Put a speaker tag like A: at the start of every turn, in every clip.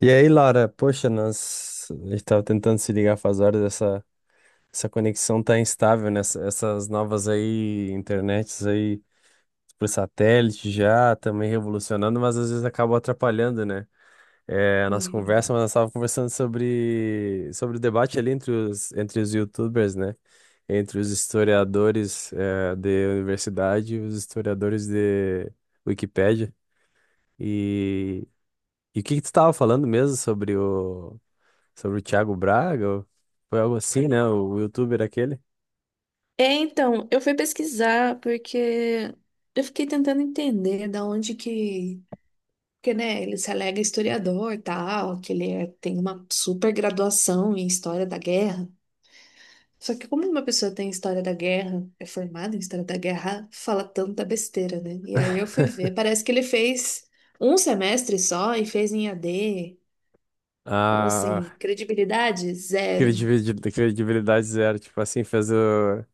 A: E aí, Laura, poxa, nós a gente tava tentando se ligar faz horas, essa conexão tá instável, né? Essas novas aí, internets aí por satélite já, também revolucionando, mas às vezes acabam atrapalhando, né? É, a nossa
B: Uhum.
A: conversa, mas nós tava conversando sobre o debate ali entre os YouTubers, né? Entre os historiadores, de universidade e os historiadores de Wikipédia. E, e o que que tu tava falando mesmo sobre o Thiago Braga? Foi algo assim, né? O youtuber aquele.
B: É, então, eu fui pesquisar porque eu fiquei tentando entender da onde que. Porque, né, ele se alega historiador e tal, que ele é- tem uma super graduação em história da guerra. Só que, como uma pessoa tem história da guerra, é formada em história da guerra, fala tanta besteira, né? E aí eu fui ver, parece que ele fez um semestre só e fez em AD. Então, assim,
A: A
B: credibilidade zero.
A: credibilidade zero. Tipo assim, fez o.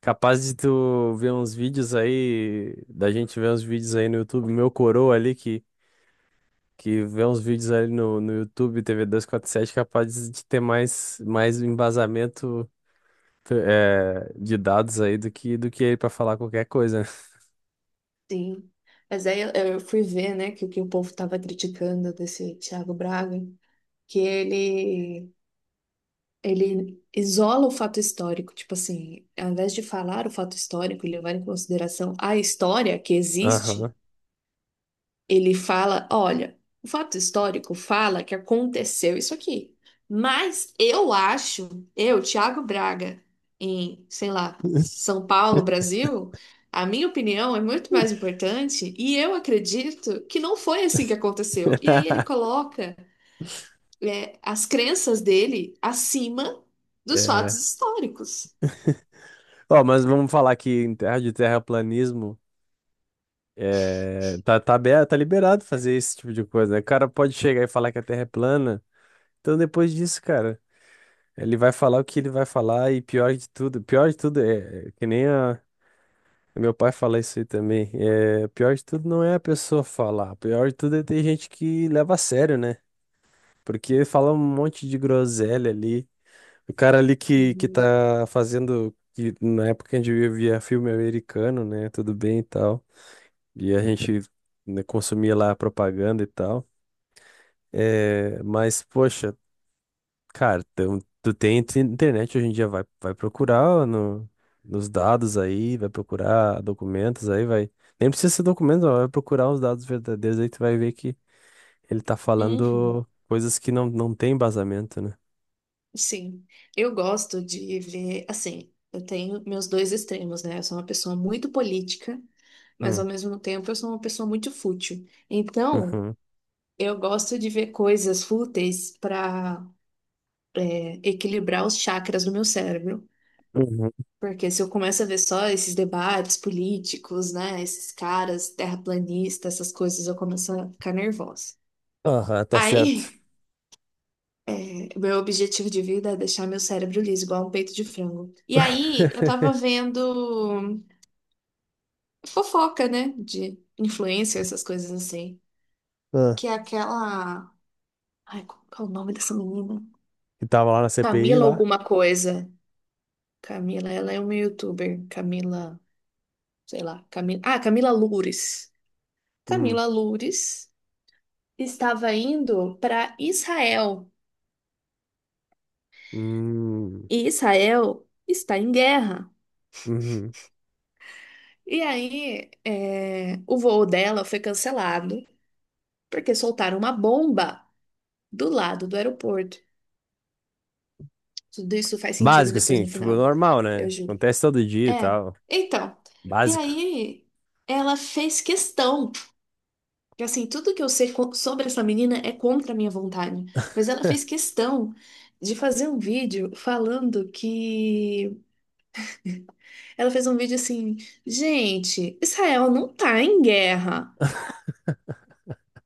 A: Capaz de tu ver uns vídeos aí, da gente ver uns vídeos aí no YouTube, meu coroa ali que vê uns vídeos ali no YouTube, TV 7 capaz de ter mais embasamento de dados aí do que ele pra falar qualquer coisa, né?
B: Sim. Mas aí eu fui ver, né, que o povo estava criticando desse Thiago Braga, que ele, ele isola o fato histórico. Tipo assim, ao invés de falar o fato histórico, ele levar em consideração a história que existe,
A: Aham.
B: ele fala, olha, o fato histórico fala que aconteceu isso aqui. Mas eu acho, eu, Thiago Braga, em, sei lá, São Paulo, Brasil, a minha opinião é muito mais importante e eu acredito que não foi assim que aconteceu. E aí ele coloca, é, as crenças dele acima dos fatos
A: É.
B: históricos.
A: Ó, mas vamos falar que em terra de terraplanismo tá, aberto, tá liberado fazer esse tipo de coisa, né? O cara pode chegar e falar que a Terra é plana. Então, depois disso, cara, ele vai falar o que ele vai falar e pior de tudo é que nem meu pai fala isso aí também. É, pior de tudo não é a pessoa falar, pior de tudo é ter gente que leva a sério, né? Porque fala um monte de groselha ali. O cara ali que
B: Uhum.
A: tá fazendo, que na época a gente via filme americano, né? Tudo bem e tal. E a gente, né, consumia lá a propaganda e tal. É, mas, poxa, cara, tu tem internet hoje em dia, vai procurar no, nos dados aí, vai procurar documentos aí, vai. Nem precisa ser documento, ó, vai procurar os dados verdadeiros aí, tu vai ver que ele tá
B: Uhum.
A: falando coisas que não tem embasamento, né?
B: Sim, eu gosto de ver, assim, eu tenho meus dois extremos, né? Eu sou uma pessoa muito política, mas
A: Hum,
B: ao mesmo tempo eu sou uma pessoa muito fútil. Então,
A: uhum,
B: eu gosto de ver coisas fúteis para equilibrar os chakras do meu cérebro,
A: uhum.
B: porque se eu começo a ver só esses debates políticos, né, esses caras terraplanistas, essas coisas, eu começo a ficar nervosa.
A: Aham, tá certo.
B: Aí é, meu objetivo de vida é deixar meu cérebro liso, igual um peito de frango. E aí, eu tava vendo fofoca, né? De influência essas coisas assim.
A: Ah,
B: Que é aquela. Ai, qual é o nome dessa menina?
A: e tava lá na CPI
B: Camila
A: lá?
B: alguma coisa. Camila, ela é uma youtuber. Camila, sei lá. Camila... Ah, Camila Loures.
A: Hum,
B: Camila Loures estava indo para Israel.
A: hum,
B: E Israel está em guerra.
A: uhum.
B: E aí, é, o voo dela foi cancelado porque soltaram uma bomba do lado do aeroporto. Tudo isso faz sentido
A: Básico,
B: depois
A: assim,
B: no
A: tipo,
B: final,
A: normal,
B: eu
A: né?
B: juro.
A: Acontece todo dia e
B: É,
A: tal.
B: então. E
A: Básico.
B: aí, ela fez questão. Que, assim, tudo que eu sei co- sobre essa menina é contra a minha vontade, mas ela fez questão de fazer um vídeo falando que. Ela fez um vídeo assim: gente, Israel não tá em guerra.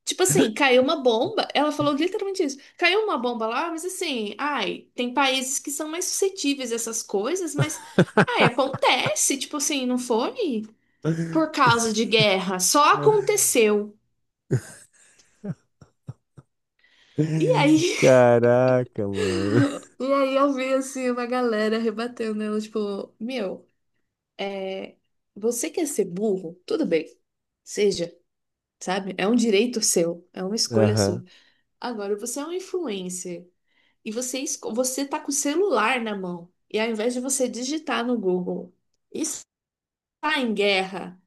B: Tipo assim, caiu uma bomba. Ela falou literalmente isso. Caiu uma bomba lá, mas assim, ai, tem países que são mais suscetíveis a essas coisas, mas ai, acontece. Tipo assim, não foi por causa de guerra, só aconteceu. E aí,
A: Caraca, mano.
B: e aí eu vi assim uma galera rebatendo né, ela, tipo, meu, é, você quer ser burro? Tudo bem. Seja, sabe? É um direito seu, é uma escolha sua.
A: Aham.
B: Agora, você é um influencer. E você, esco- você tá com o celular na mão. E ao invés de você digitar no Google, está em guerra,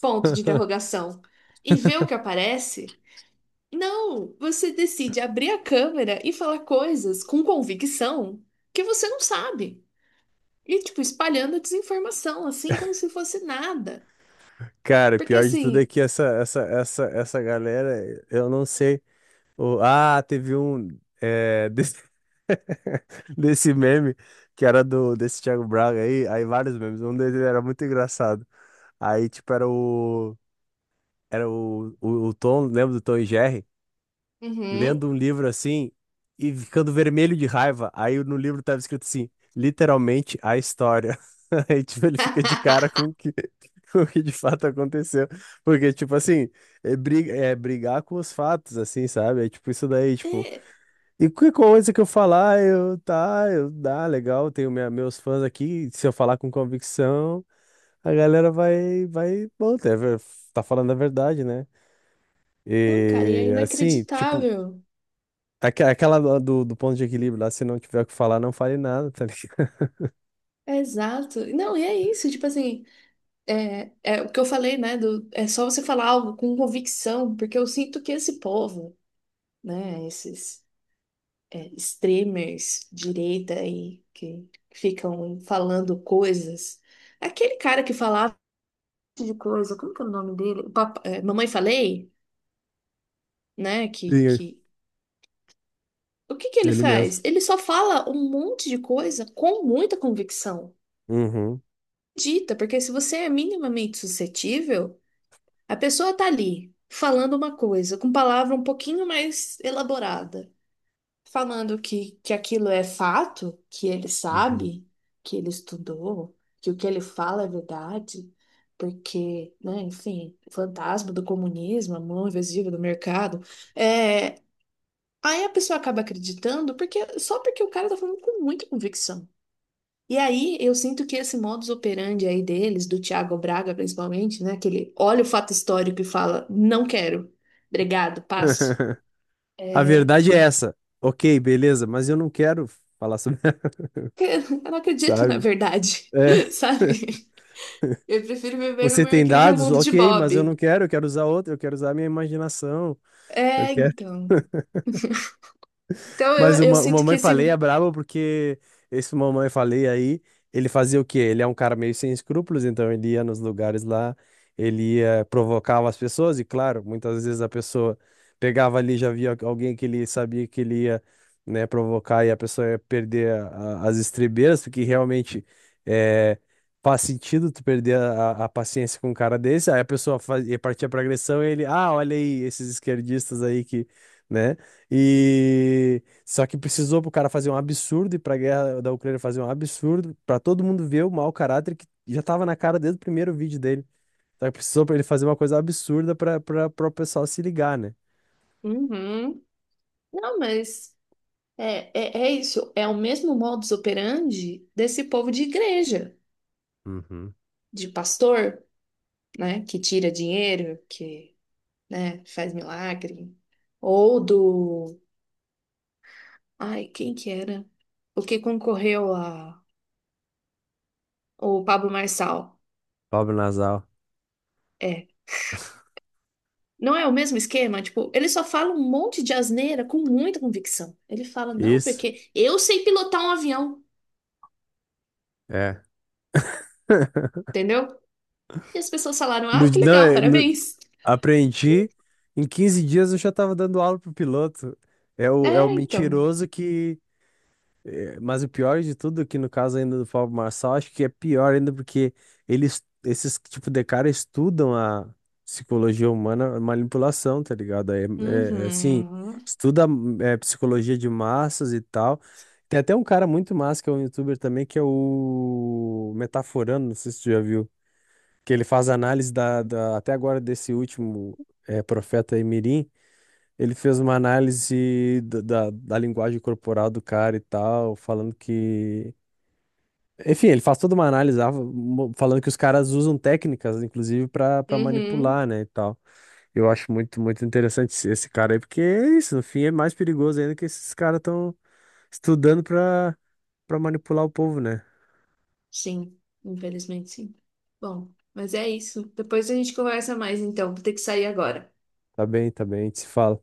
B: ponto de interrogação, e ver o que aparece, não, você decide abrir a câmera e falar coisas com convicção que você não sabe. E, tipo, espalhando a desinformação, assim, como se fosse nada.
A: Cara,
B: Porque,
A: pior de tudo é
B: assim,
A: que essa galera, eu não sei. Ah, teve um desse, desse meme que era do desse Thiago Braga aí, vários memes. Um deles era muito engraçado. Aí, tipo, era o. Era o Tom, lembra do Tom e Jerry?
B: uhum.
A: Lendo um livro assim e ficando vermelho de raiva. Aí no livro tava escrito assim, literalmente a história. Aí, tipo, ele fica de cara com o que, com o que de fato aconteceu. Porque, tipo assim, é brigar com os fatos, assim, sabe? É tipo isso daí, tipo.
B: É,
A: E que coisa que eu falar, eu, tá, eu, dá, legal, tenho meus fãs aqui. Se eu falar com convicção, a galera vai, bom, tá falando a verdade, né?
B: não, cara, e é
A: E assim, tipo,
B: inacreditável.
A: Aquela do ponto de equilíbrio lá, se não tiver o que falar, não fale nada, tá ligado?
B: É exato. Não, e é isso, tipo assim. É, é o que eu falei, né? Do- é só você falar algo com convicção, porque eu sinto que esse povo, né? Esses é, extremers direita aí que ficam falando coisas. Aquele cara que falava um monte de coisa, como que é o nome dele? O papa- é, Mamãe Falei, né?
A: Sim.
B: O que que ele
A: Ele mesmo.
B: faz? Ele só fala um monte de coisa com muita convicção.
A: Uhum.
B: Dita, porque se você é minimamente suscetível a pessoa tá ali falando uma coisa com palavra um pouquinho mais elaborada, falando que aquilo é fato, que ele
A: Uhum.
B: sabe, que ele estudou, que o que ele fala é verdade, porque, né, enfim, o fantasma do comunismo, a mão invisível do mercado. É, aí a pessoa acaba acreditando porque só porque o cara tá falando com muita convicção. E aí, eu sinto que esse modus operandi aí deles, do Thiago Braga principalmente, né? Que ele olha o fato histórico e fala, não quero, obrigado, passo.
A: A
B: É...
A: verdade é essa. Ok, beleza, mas eu não quero falar sobre,
B: Eu não acredito na
A: sabe?
B: verdade,
A: É.
B: sabe? Eu prefiro viver no
A: Você
B: meu
A: tem
B: incrível
A: dados?
B: mundo de
A: Ok, mas eu
B: Bob.
A: não quero, eu quero usar a minha imaginação. Eu
B: É, então. Então, eu,
A: Mas o,
B: eu
A: Ma- o
B: sinto que
A: Mamãe
B: esse...
A: Falei é brabo porque esse Mamãe Falei aí, ele fazia o quê? Ele é um cara meio sem escrúpulos, então ele ia nos lugares lá, ele ia, provocava as pessoas, e claro, muitas vezes a pessoa pegava ali, já via alguém que ele sabia que ele ia, né, provocar e a pessoa ia perder as estribeiras, porque realmente é, faz sentido tu perder a paciência com um cara desse, aí a pessoa fazia, partir pra agressão e ele, ah, olha aí esses esquerdistas aí que, né? E só que precisou pro cara fazer um absurdo e pra guerra da Ucrânia fazer um absurdo, pra todo mundo ver o mau caráter que já tava na cara desde o primeiro vídeo dele. Só que precisou pra ele fazer uma coisa absurda pra, pra, o pessoal se ligar, né?
B: Uhum. Não, mas é, é, é isso. É o mesmo modus operandi desse povo de igreja,
A: Uhum.
B: de pastor, né? Que tira dinheiro, que né? Faz milagre. Ou do. Ai, quem que era? O que concorreu a. O Pablo Marçal.
A: Pobre nasal.
B: É. Não é o mesmo esquema? Tipo, ele só fala um monte de asneira com muita convicção. Ele fala, não,
A: Isso.
B: porque eu sei pilotar um avião,
A: É.
B: entendeu? E as pessoas falaram,
A: No-
B: ah, que
A: não,
B: legal, parabéns.
A: aprendi. Em 15 dias eu já tava dando aula pro piloto. É o
B: É, então.
A: mentiroso que. Mas o pior de tudo é que no caso ainda do Pablo Marçal, acho que é pior ainda porque esses tipo de cara estudam a psicologia humana, a manipulação, tá ligado? É assim,
B: Uhum.
A: estuda, psicologia de massas e tal. Tem até um cara muito massa que é um youtuber também, que é o Metaforando, não sei se tu já viu, que ele faz análise até agora desse último profeta aí, Mirim. Ele fez uma análise da linguagem corporal do cara e tal, falando que. Enfim, ele faz toda uma análise lá, falando que os caras usam técnicas, inclusive, pra para
B: Uhum.
A: manipular, né, e tal. Eu acho muito, muito interessante esse cara aí, porque é isso, no fim é mais perigoso ainda que esses caras estão estudando pra para manipular o povo, né?
B: Sim, infelizmente sim. Bom, mas é isso. Depois a gente conversa mais, então. Vou ter que sair agora.
A: Tá bem, a gente se fala.